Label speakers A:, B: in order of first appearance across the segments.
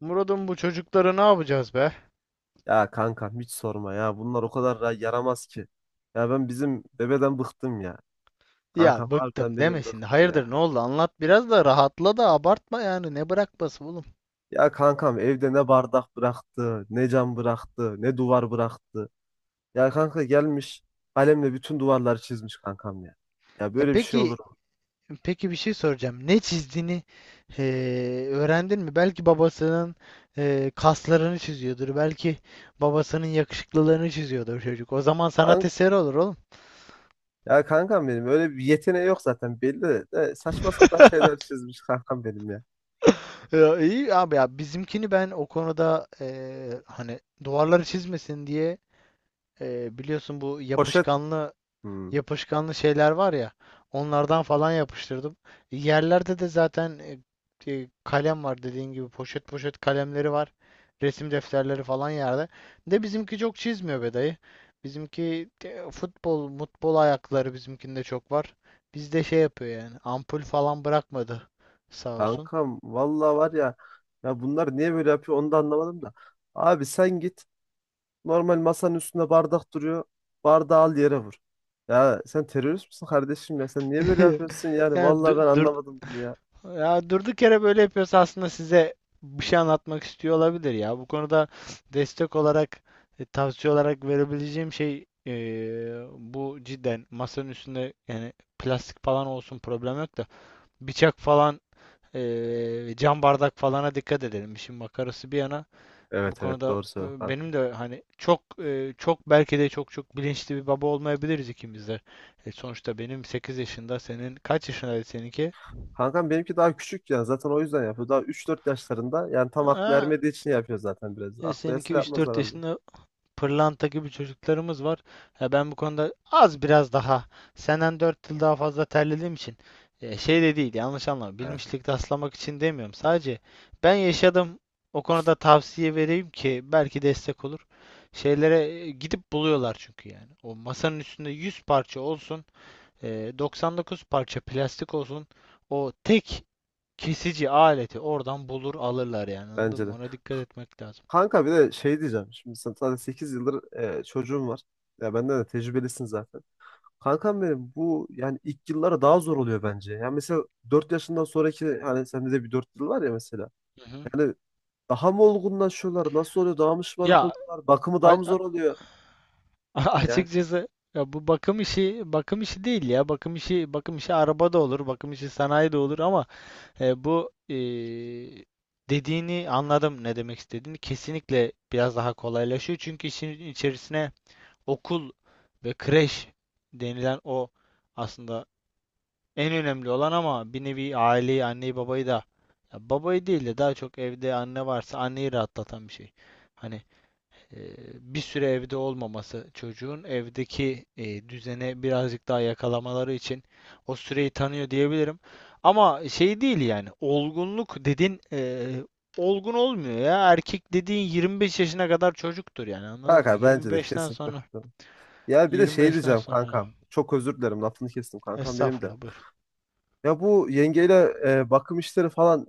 A: Murat'ım bu çocuklara ne yapacağız be?
B: Ya kanka hiç sorma ya. Bunlar o kadar yaramaz ki. Ya ben bizim bebeden bıktım ya. Kankam
A: Ya
B: harbiden
A: bıktım deme
B: beni
A: şimdi.
B: bıktı
A: Hayırdır,
B: ya.
A: ne oldu? Anlat biraz da rahatla da abartma yani. Ne bırakması oğlum?
B: Ya kankam evde ne bardak bıraktı, ne cam bıraktı, ne duvar bıraktı. Ya kanka gelmiş kalemle bütün duvarları çizmiş kankam ya. Ya
A: E
B: böyle bir şey
A: peki
B: olur mu?
A: peki, bir şey soracağım. Ne çizdiğini e, öğrendin mi? Belki babasının kaslarını çiziyordur. Belki babasının yakışıklılığını çiziyordur çocuk. O zaman sanat
B: Kank-
A: eseri olur oğlum.
B: Ya kankam benim öyle bir yeteneği yok zaten belli de saçma sapan şeyler çizmiş kankam benim ya.
A: Ya iyi abi, ya bizimkini ben o konuda, hani duvarları çizmesin diye biliyorsun, bu
B: Poşet.
A: yapışkanlı
B: Hmm.
A: yapışkanlı şeyler var ya, onlardan falan yapıştırdım. Yerlerde de zaten, kalem var, dediğin gibi poşet poşet kalemleri var. Resim defterleri falan yerde. De bizimki çok çizmiyor be dayı. Bizimki futbol, mutbol ayakları bizimkinde çok var. Bizde şey yapıyor yani, ampul falan bırakmadı sağ olsun.
B: Kankam valla var ya. Ya bunlar niye böyle yapıyor onu da anlamadım da. Abi sen git. Normal masanın üstünde bardak duruyor. Bardağı al yere vur. Ya sen terörist misin kardeşim ya? Sen niye böyle yapıyorsun yani?
A: Yani,
B: Vallahi ben
A: dur.
B: anlamadım bunu ya.
A: Ya durduk yere böyle yapıyorsa aslında size bir şey anlatmak istiyor olabilir ya. Bu konuda destek olarak, tavsiye olarak verebileceğim şey, bu cidden masanın üstünde yani plastik falan olsun, problem yok, da bıçak falan, cam bardak falana dikkat edelim. İşin makarası bir yana, bu
B: Evet evet,
A: konuda
B: doğru söylüyorsun kanka.
A: benim de hani çok, çok belki de çok çok bilinçli bir baba olmayabiliriz ikimiz de. Sonuçta benim 8 yaşında, senin kaç yaşındaydı seninki?
B: Kankam benimki daha küçük ya. Zaten o yüzden yapıyor. Daha üç dört yaşlarında. Yani tam aklı ermediği için yapıyor zaten biraz. Aklı
A: Seninki
B: erse
A: üç
B: yapmaz
A: dört
B: herhalde.
A: yaşında, pırlanta gibi çocuklarımız var. Ya ben bu konuda az biraz daha senden 4 yıl daha fazla terlediğim için, şey de değil, yanlış anlama.
B: Evet,
A: Bilmişlik taslamak için demiyorum. Sadece ben yaşadım. O konuda tavsiye vereyim ki belki destek olur. Şeylere gidip buluyorlar çünkü yani. O masanın üstünde 100 parça olsun, 99 parça plastik olsun. O tek kesici aleti oradan bulur alırlar yani. Anladın
B: bence
A: mı?
B: de.
A: Ona dikkat etmek lazım.
B: Kanka bir de şey diyeceğim. Şimdi sen zaten 8 yıldır çocuğun var. Ya benden de tecrübelisin zaten. Kankam benim bu yani ilk yıllara daha zor oluyor bence. Yani mesela 4 yaşından sonraki hani sende de bir 4 yıl var ya mesela.
A: Hı hı.
B: Yani daha mı olgunlaşıyorlar? Nasıl oluyor? Daha mı şımarık
A: Ya
B: oluyorlar? Bakımı daha
A: A-
B: mı
A: a-
B: zor oluyor? Yani
A: açıkçası, ya bu bakım işi bakım işi değil ya. Bakım işi bakım işi araba da olur, bakım işi sanayi de olur ama bu, dediğini anladım, ne demek istediğini. Kesinlikle biraz daha kolaylaşıyor. Çünkü işin içerisine okul ve kreş denilen o aslında en önemli olan ama bir nevi aileyi, anneyi, babayı da, ya babayı değil de daha çok evde anne varsa anneyi rahatlatan bir şey. Hani e, bir süre evde olmaması, çocuğun evdeki düzene birazcık daha yakalamaları için o süreyi tanıyor diyebilirim. Ama şey değil yani, olgunluk dedin, olgun olmuyor ya. Erkek dediğin 25 yaşına kadar çocuktur yani, anladın mı?
B: kanka bence de
A: 25'ten
B: kesinlikle
A: sonra
B: katılıyorum. Ya bir de şey
A: 25'ten
B: diyeceğim
A: sonra
B: kankam. Çok özür dilerim lafını kestim kankam benim de.
A: estağfurullah, buyur.
B: Ya bu yengeyle bakım işleri falan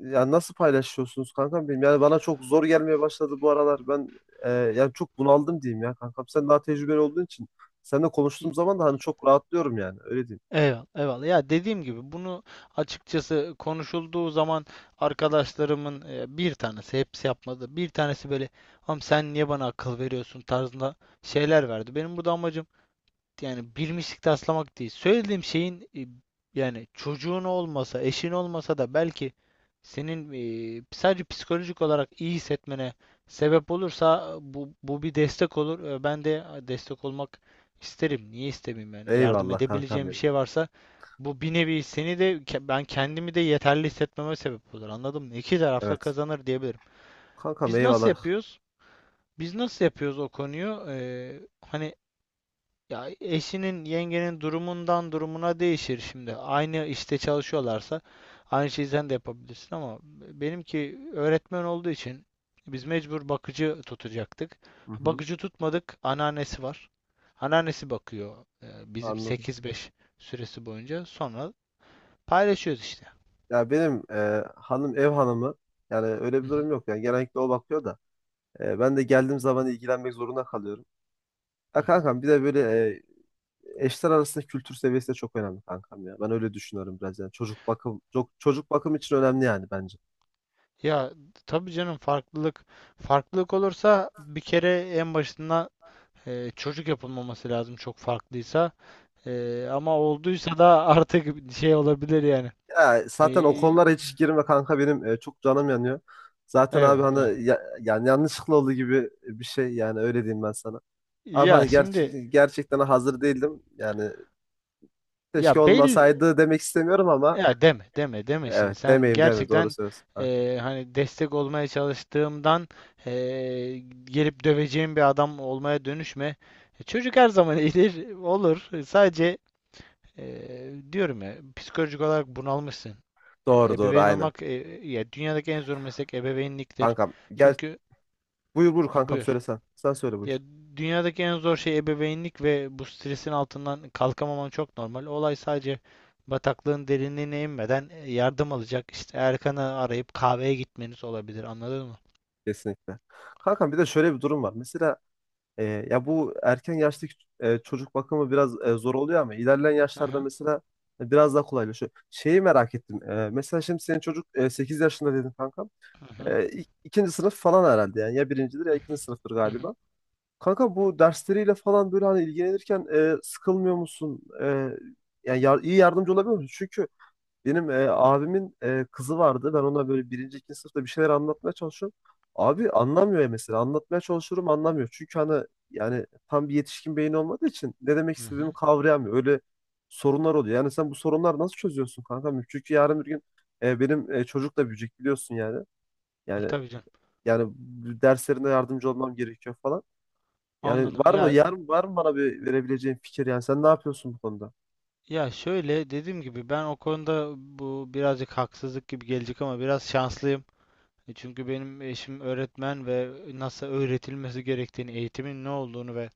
B: ya nasıl paylaşıyorsunuz kankam benim? Yani bana çok zor gelmeye başladı bu aralar. Ben yani çok bunaldım diyeyim ya kankam. Sen daha tecrübeli olduğun için seninle konuştuğum zaman da hani çok rahatlıyorum yani. Öyle diyeyim.
A: Eyvallah, eyvallah. Ya dediğim gibi bunu, açıkçası konuşulduğu zaman, arkadaşlarımın bir tanesi, hepsi yapmadı, bir tanesi böyle, "Am sen niye bana akıl veriyorsun?" tarzında şeyler verdi. Benim burada amacım yani bir mislik taslamak değil. Söylediğim şeyin, yani çocuğun olmasa, eşin olmasa da belki senin sadece psikolojik olarak iyi hissetmene sebep olursa, bu bir destek olur. Ben de destek olmak isterim. Niye istemeyeyim yani? Yardım
B: Eyvallah kankam
A: edebileceğim bir
B: benim.
A: şey varsa, bu bir nevi seni de, ben kendimi de yeterli hissetmeme sebep olur. Anladın mı? İki tarafta
B: Evet.
A: kazanır diyebilirim.
B: Kankam
A: Biz nasıl
B: eyvallah.
A: yapıyoruz? Biz nasıl yapıyoruz o konuyu? Hani ya eşinin, yengenin durumundan durumuna değişir şimdi. Aynı işte çalışıyorlarsa aynı şeyi sen de yapabilirsin ama benimki öğretmen olduğu için biz mecbur bakıcı tutacaktık.
B: Hı hı,
A: Bakıcı tutmadık, anneannesi var. Anneannesi bakıyor e, bizim
B: anladım.
A: sekiz beş süresi boyunca. Sonra paylaşıyoruz işte.
B: Ya benim hanım ev hanımı, yani öyle
A: Hı
B: bir
A: hı,
B: durum yok. Yani genellikle o bakıyor da ben de geldiğim zaman ilgilenmek zorunda kalıyorum.
A: hı
B: Ya
A: hı.
B: kankam bir de böyle e, eşler arasında kültür seviyesi de çok önemli kankam ya. Ben öyle düşünüyorum biraz yani. Çocuk bakım için önemli yani bence.
A: Ya tabii canım, farklılık olursa bir kere en başından çocuk yapılmaması lazım çok farklıysa. Ama olduysa da artık şey olabilir yani.
B: Ya zaten o
A: Ee,
B: konulara hiç girme kanka benim, çok canım yanıyor. Zaten abi
A: Eyvallah.
B: hani yani yanlışlıkla olduğu gibi bir şey, yani öyle diyeyim ben sana. Abi
A: Ya
B: hani
A: şimdi,
B: gerçekten hazır değildim. Yani
A: ya
B: keşke
A: belli,
B: olmasaydı demek istemiyorum ama
A: ya deme deme deme şimdi,
B: evet,
A: sen
B: demeyeyim, doğru
A: gerçekten,
B: söylüyorsun kanka.
A: hani destek olmaya çalıştığımdan, gelip döveceğim bir adam olmaya dönüşme. Çocuk her zaman iyidir, olur. Sadece diyorum ya, psikolojik olarak bunalmışsın.
B: Doğru doğru,
A: Ebeveyn
B: aynen.
A: olmak, ya dünyadaki en zor meslek ebeveynliktir.
B: Kankam gel,
A: Çünkü
B: buyur
A: ha,
B: kankam
A: buyur.
B: söylesen. Sen söyle, buyur.
A: Ya dünyadaki en zor şey ebeveynlik ve bu stresin altından kalkamaman çok normal. Olay sadece bataklığın derinliğine inmeden, yardım alacak. İşte Erkan'ı arayıp kahveye gitmeniz olabilir. Anladın mı?
B: Kesinlikle. Kankam bir de şöyle bir durum var. Mesela, E, ya bu erken yaştaki çocuk bakımı biraz zor oluyor ama ilerleyen
A: Hı
B: yaşlarda
A: hı
B: mesela biraz daha kolaylaşıyor. Şeyi merak ettim. Mesela şimdi senin çocuk 8 yaşında dedin kankam.
A: hı hı
B: İkinci sınıf falan herhalde yani. Ya birincidir
A: hı
B: ya
A: hı
B: ikinci sınıftır
A: hı hı.
B: galiba. Kanka bu dersleriyle falan böyle hani ilgilenirken sıkılmıyor musun? Yani iyi yardımcı olabiliyor musun? Benim abimin kızı vardı. Ben ona böyle birinci, ikinci sınıfta bir şeyler anlatmaya çalışıyorum. Abi anlamıyor ya mesela. Anlatmaya çalışıyorum, anlamıyor. Çünkü hani yani tam bir yetişkin beyni olmadığı için ne demek
A: Hı
B: istediğimi
A: hı.
B: kavrayamıyor. Öyle sorunlar oluyor. Yani sen bu sorunları nasıl çözüyorsun kanka? Çünkü yarın bir gün benim çocuk da büyüyecek biliyorsun yani. Yani
A: Tabii canım.
B: yani derslerinde yardımcı olmam gerekiyor falan. Yani
A: Anladım. Ya
B: var mı bana bir verebileceğin fikir, yani sen ne yapıyorsun bu konuda?
A: ya şöyle, dediğim gibi, ben o konuda, bu birazcık haksızlık gibi gelecek ama biraz şanslıyım. Çünkü benim eşim öğretmen ve nasıl öğretilmesi gerektiğini, eğitimin ne olduğunu ve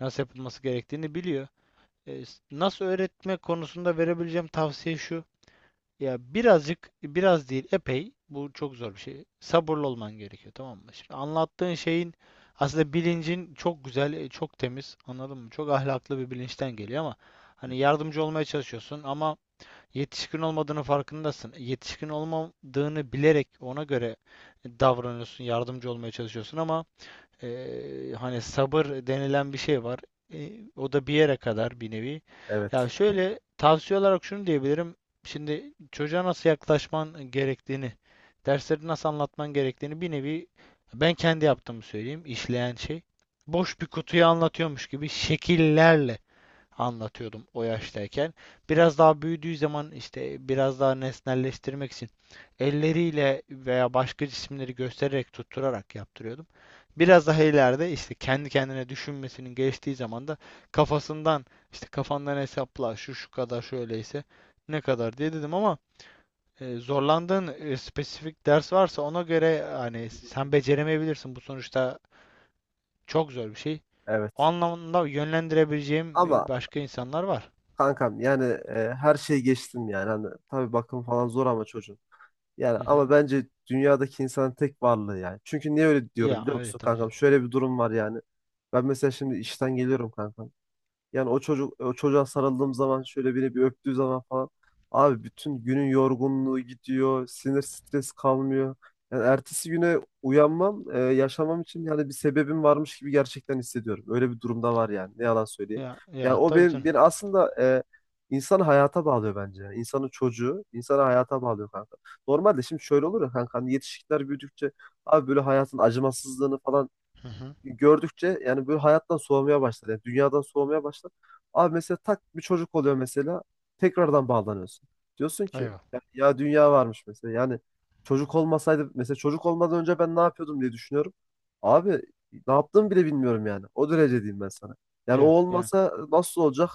A: nasıl yapılması gerektiğini biliyor. E, Nasıl öğretme konusunda verebileceğim tavsiye şu. Ya birazcık, biraz değil, epey. Bu çok zor bir şey. Sabırlı olman gerekiyor, tamam mı? Şimdi anlattığın şeyin aslında bilincin çok güzel, çok temiz, anladın mı? Çok ahlaklı bir bilinçten geliyor ama hani yardımcı olmaya çalışıyorsun ama yetişkin olmadığını farkındasın. Yetişkin olmadığını bilerek ona göre davranıyorsun, yardımcı olmaya çalışıyorsun ama hani sabır denilen bir şey var. E, O da bir yere kadar bir nevi.
B: Evet.
A: Ya şöyle tavsiye olarak şunu diyebilirim. Şimdi çocuğa nasıl yaklaşman gerektiğini, dersleri nasıl anlatman gerektiğini bir nevi ben kendi yaptığımı söyleyeyim, işleyen şey. Boş bir kutuyu anlatıyormuş gibi şekillerle anlatıyordum o yaştayken. Biraz daha büyüdüğü zaman işte biraz daha nesnelleştirmek için elleriyle veya başka cisimleri göstererek, tutturarak yaptırıyordum. Biraz daha ileride, işte kendi kendine düşünmesinin geçtiği zaman da, kafasından, işte kafandan hesapla, şu şu kadar şöyleyse ne kadar diye dedim ama zorlandığın spesifik ders varsa ona göre hani
B: Hı
A: sen
B: hı.
A: beceremeyebilirsin. Bu sonuçta çok zor bir şey. O
B: Evet.
A: anlamda yönlendirebileceğim
B: Ama
A: başka insanlar var.
B: kankam yani her şey geçtim yani. Hani, tabii bakım falan zor ama çocuğun. Yani
A: Hı hı.
B: ama bence dünyadaki insanın tek varlığı yani. Çünkü niye öyle diyorum
A: Ya
B: biliyor musun
A: evet tabii
B: kankam?
A: canım.
B: Şöyle bir durum var yani. Ben mesela şimdi işten geliyorum kankam. Yani o çocuğa sarıldığım zaman, şöyle bir öptüğü zaman falan, abi bütün günün yorgunluğu gidiyor. Sinir stres kalmıyor. Yani ertesi güne uyanmam, yaşamam için yani bir sebebim varmış gibi gerçekten hissediyorum. Öyle bir durumda var yani. Ne yalan söyleyeyim.
A: Ya
B: Yani
A: ya
B: o
A: tabii
B: benim,
A: canım.
B: beni aslında e, insanı hayata bağlıyor bence. Yani İnsanın çocuğu insanı hayata bağlıyor kanka. Normalde şimdi şöyle olur ya kanka, hani yetişkinler büyüdükçe, abi böyle hayatın acımasızlığını falan
A: Hı hı.
B: gördükçe yani böyle hayattan soğumaya başlar. Yani dünyadan soğumaya başlar. Abi mesela tak bir çocuk oluyor mesela, tekrardan bağlanıyorsun. Diyorsun ki
A: Eyvallah.
B: ya, ya dünya varmış mesela. Yani çocuk olmasaydı, mesela çocuk olmadan önce ben ne yapıyordum diye düşünüyorum. Abi ne yaptığımı bile bilmiyorum yani. O derece diyeyim ben sana. Yani o
A: Yani yani.
B: olmasa nasıl olacak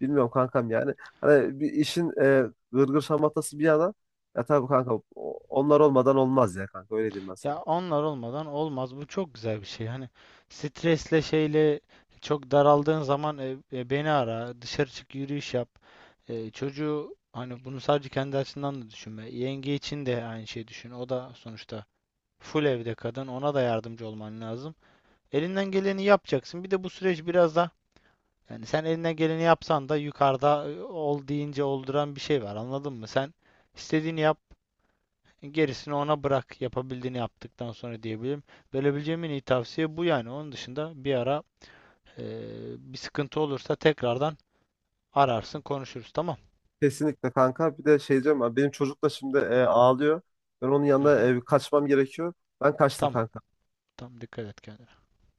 B: bilmiyorum kankam yani. Hani bir işin gırgır şamatası bir yana, ya tabii kanka onlar olmadan olmaz ya kanka, öyle diyeyim ben sana.
A: Ya onlar olmadan olmaz. Bu çok güzel bir şey. Hani stresle şeyle çok daraldığın zaman, beni ara, dışarı çık, yürüyüş yap. Çocuğu, hani bunu sadece kendi açısından da düşünme. Yenge için de aynı şeyi düşün. O da sonuçta full evde kadın. Ona da yardımcı olman lazım. Elinden geleni yapacaksın. Bir de bu süreç biraz da. Yani sen elinden geleni yapsan da, yukarıda ol deyince olduran bir şey var. Anladın mı? Sen istediğini yap, gerisini ona bırak. Yapabildiğini yaptıktan sonra diyebilirim. Verebileceğim en iyi tavsiye bu yani. Onun dışında bir ara e, bir sıkıntı olursa tekrardan ararsın, konuşuruz. Tamam.
B: Kesinlikle kanka. Bir de şey diyorum, benim çocuk da şimdi ağlıyor. Ben onun
A: Hı
B: yanına
A: hı.
B: kaçmam gerekiyor. Ben kaçtım
A: Tamam.
B: kanka.
A: Tamam. Dikkat et kendine.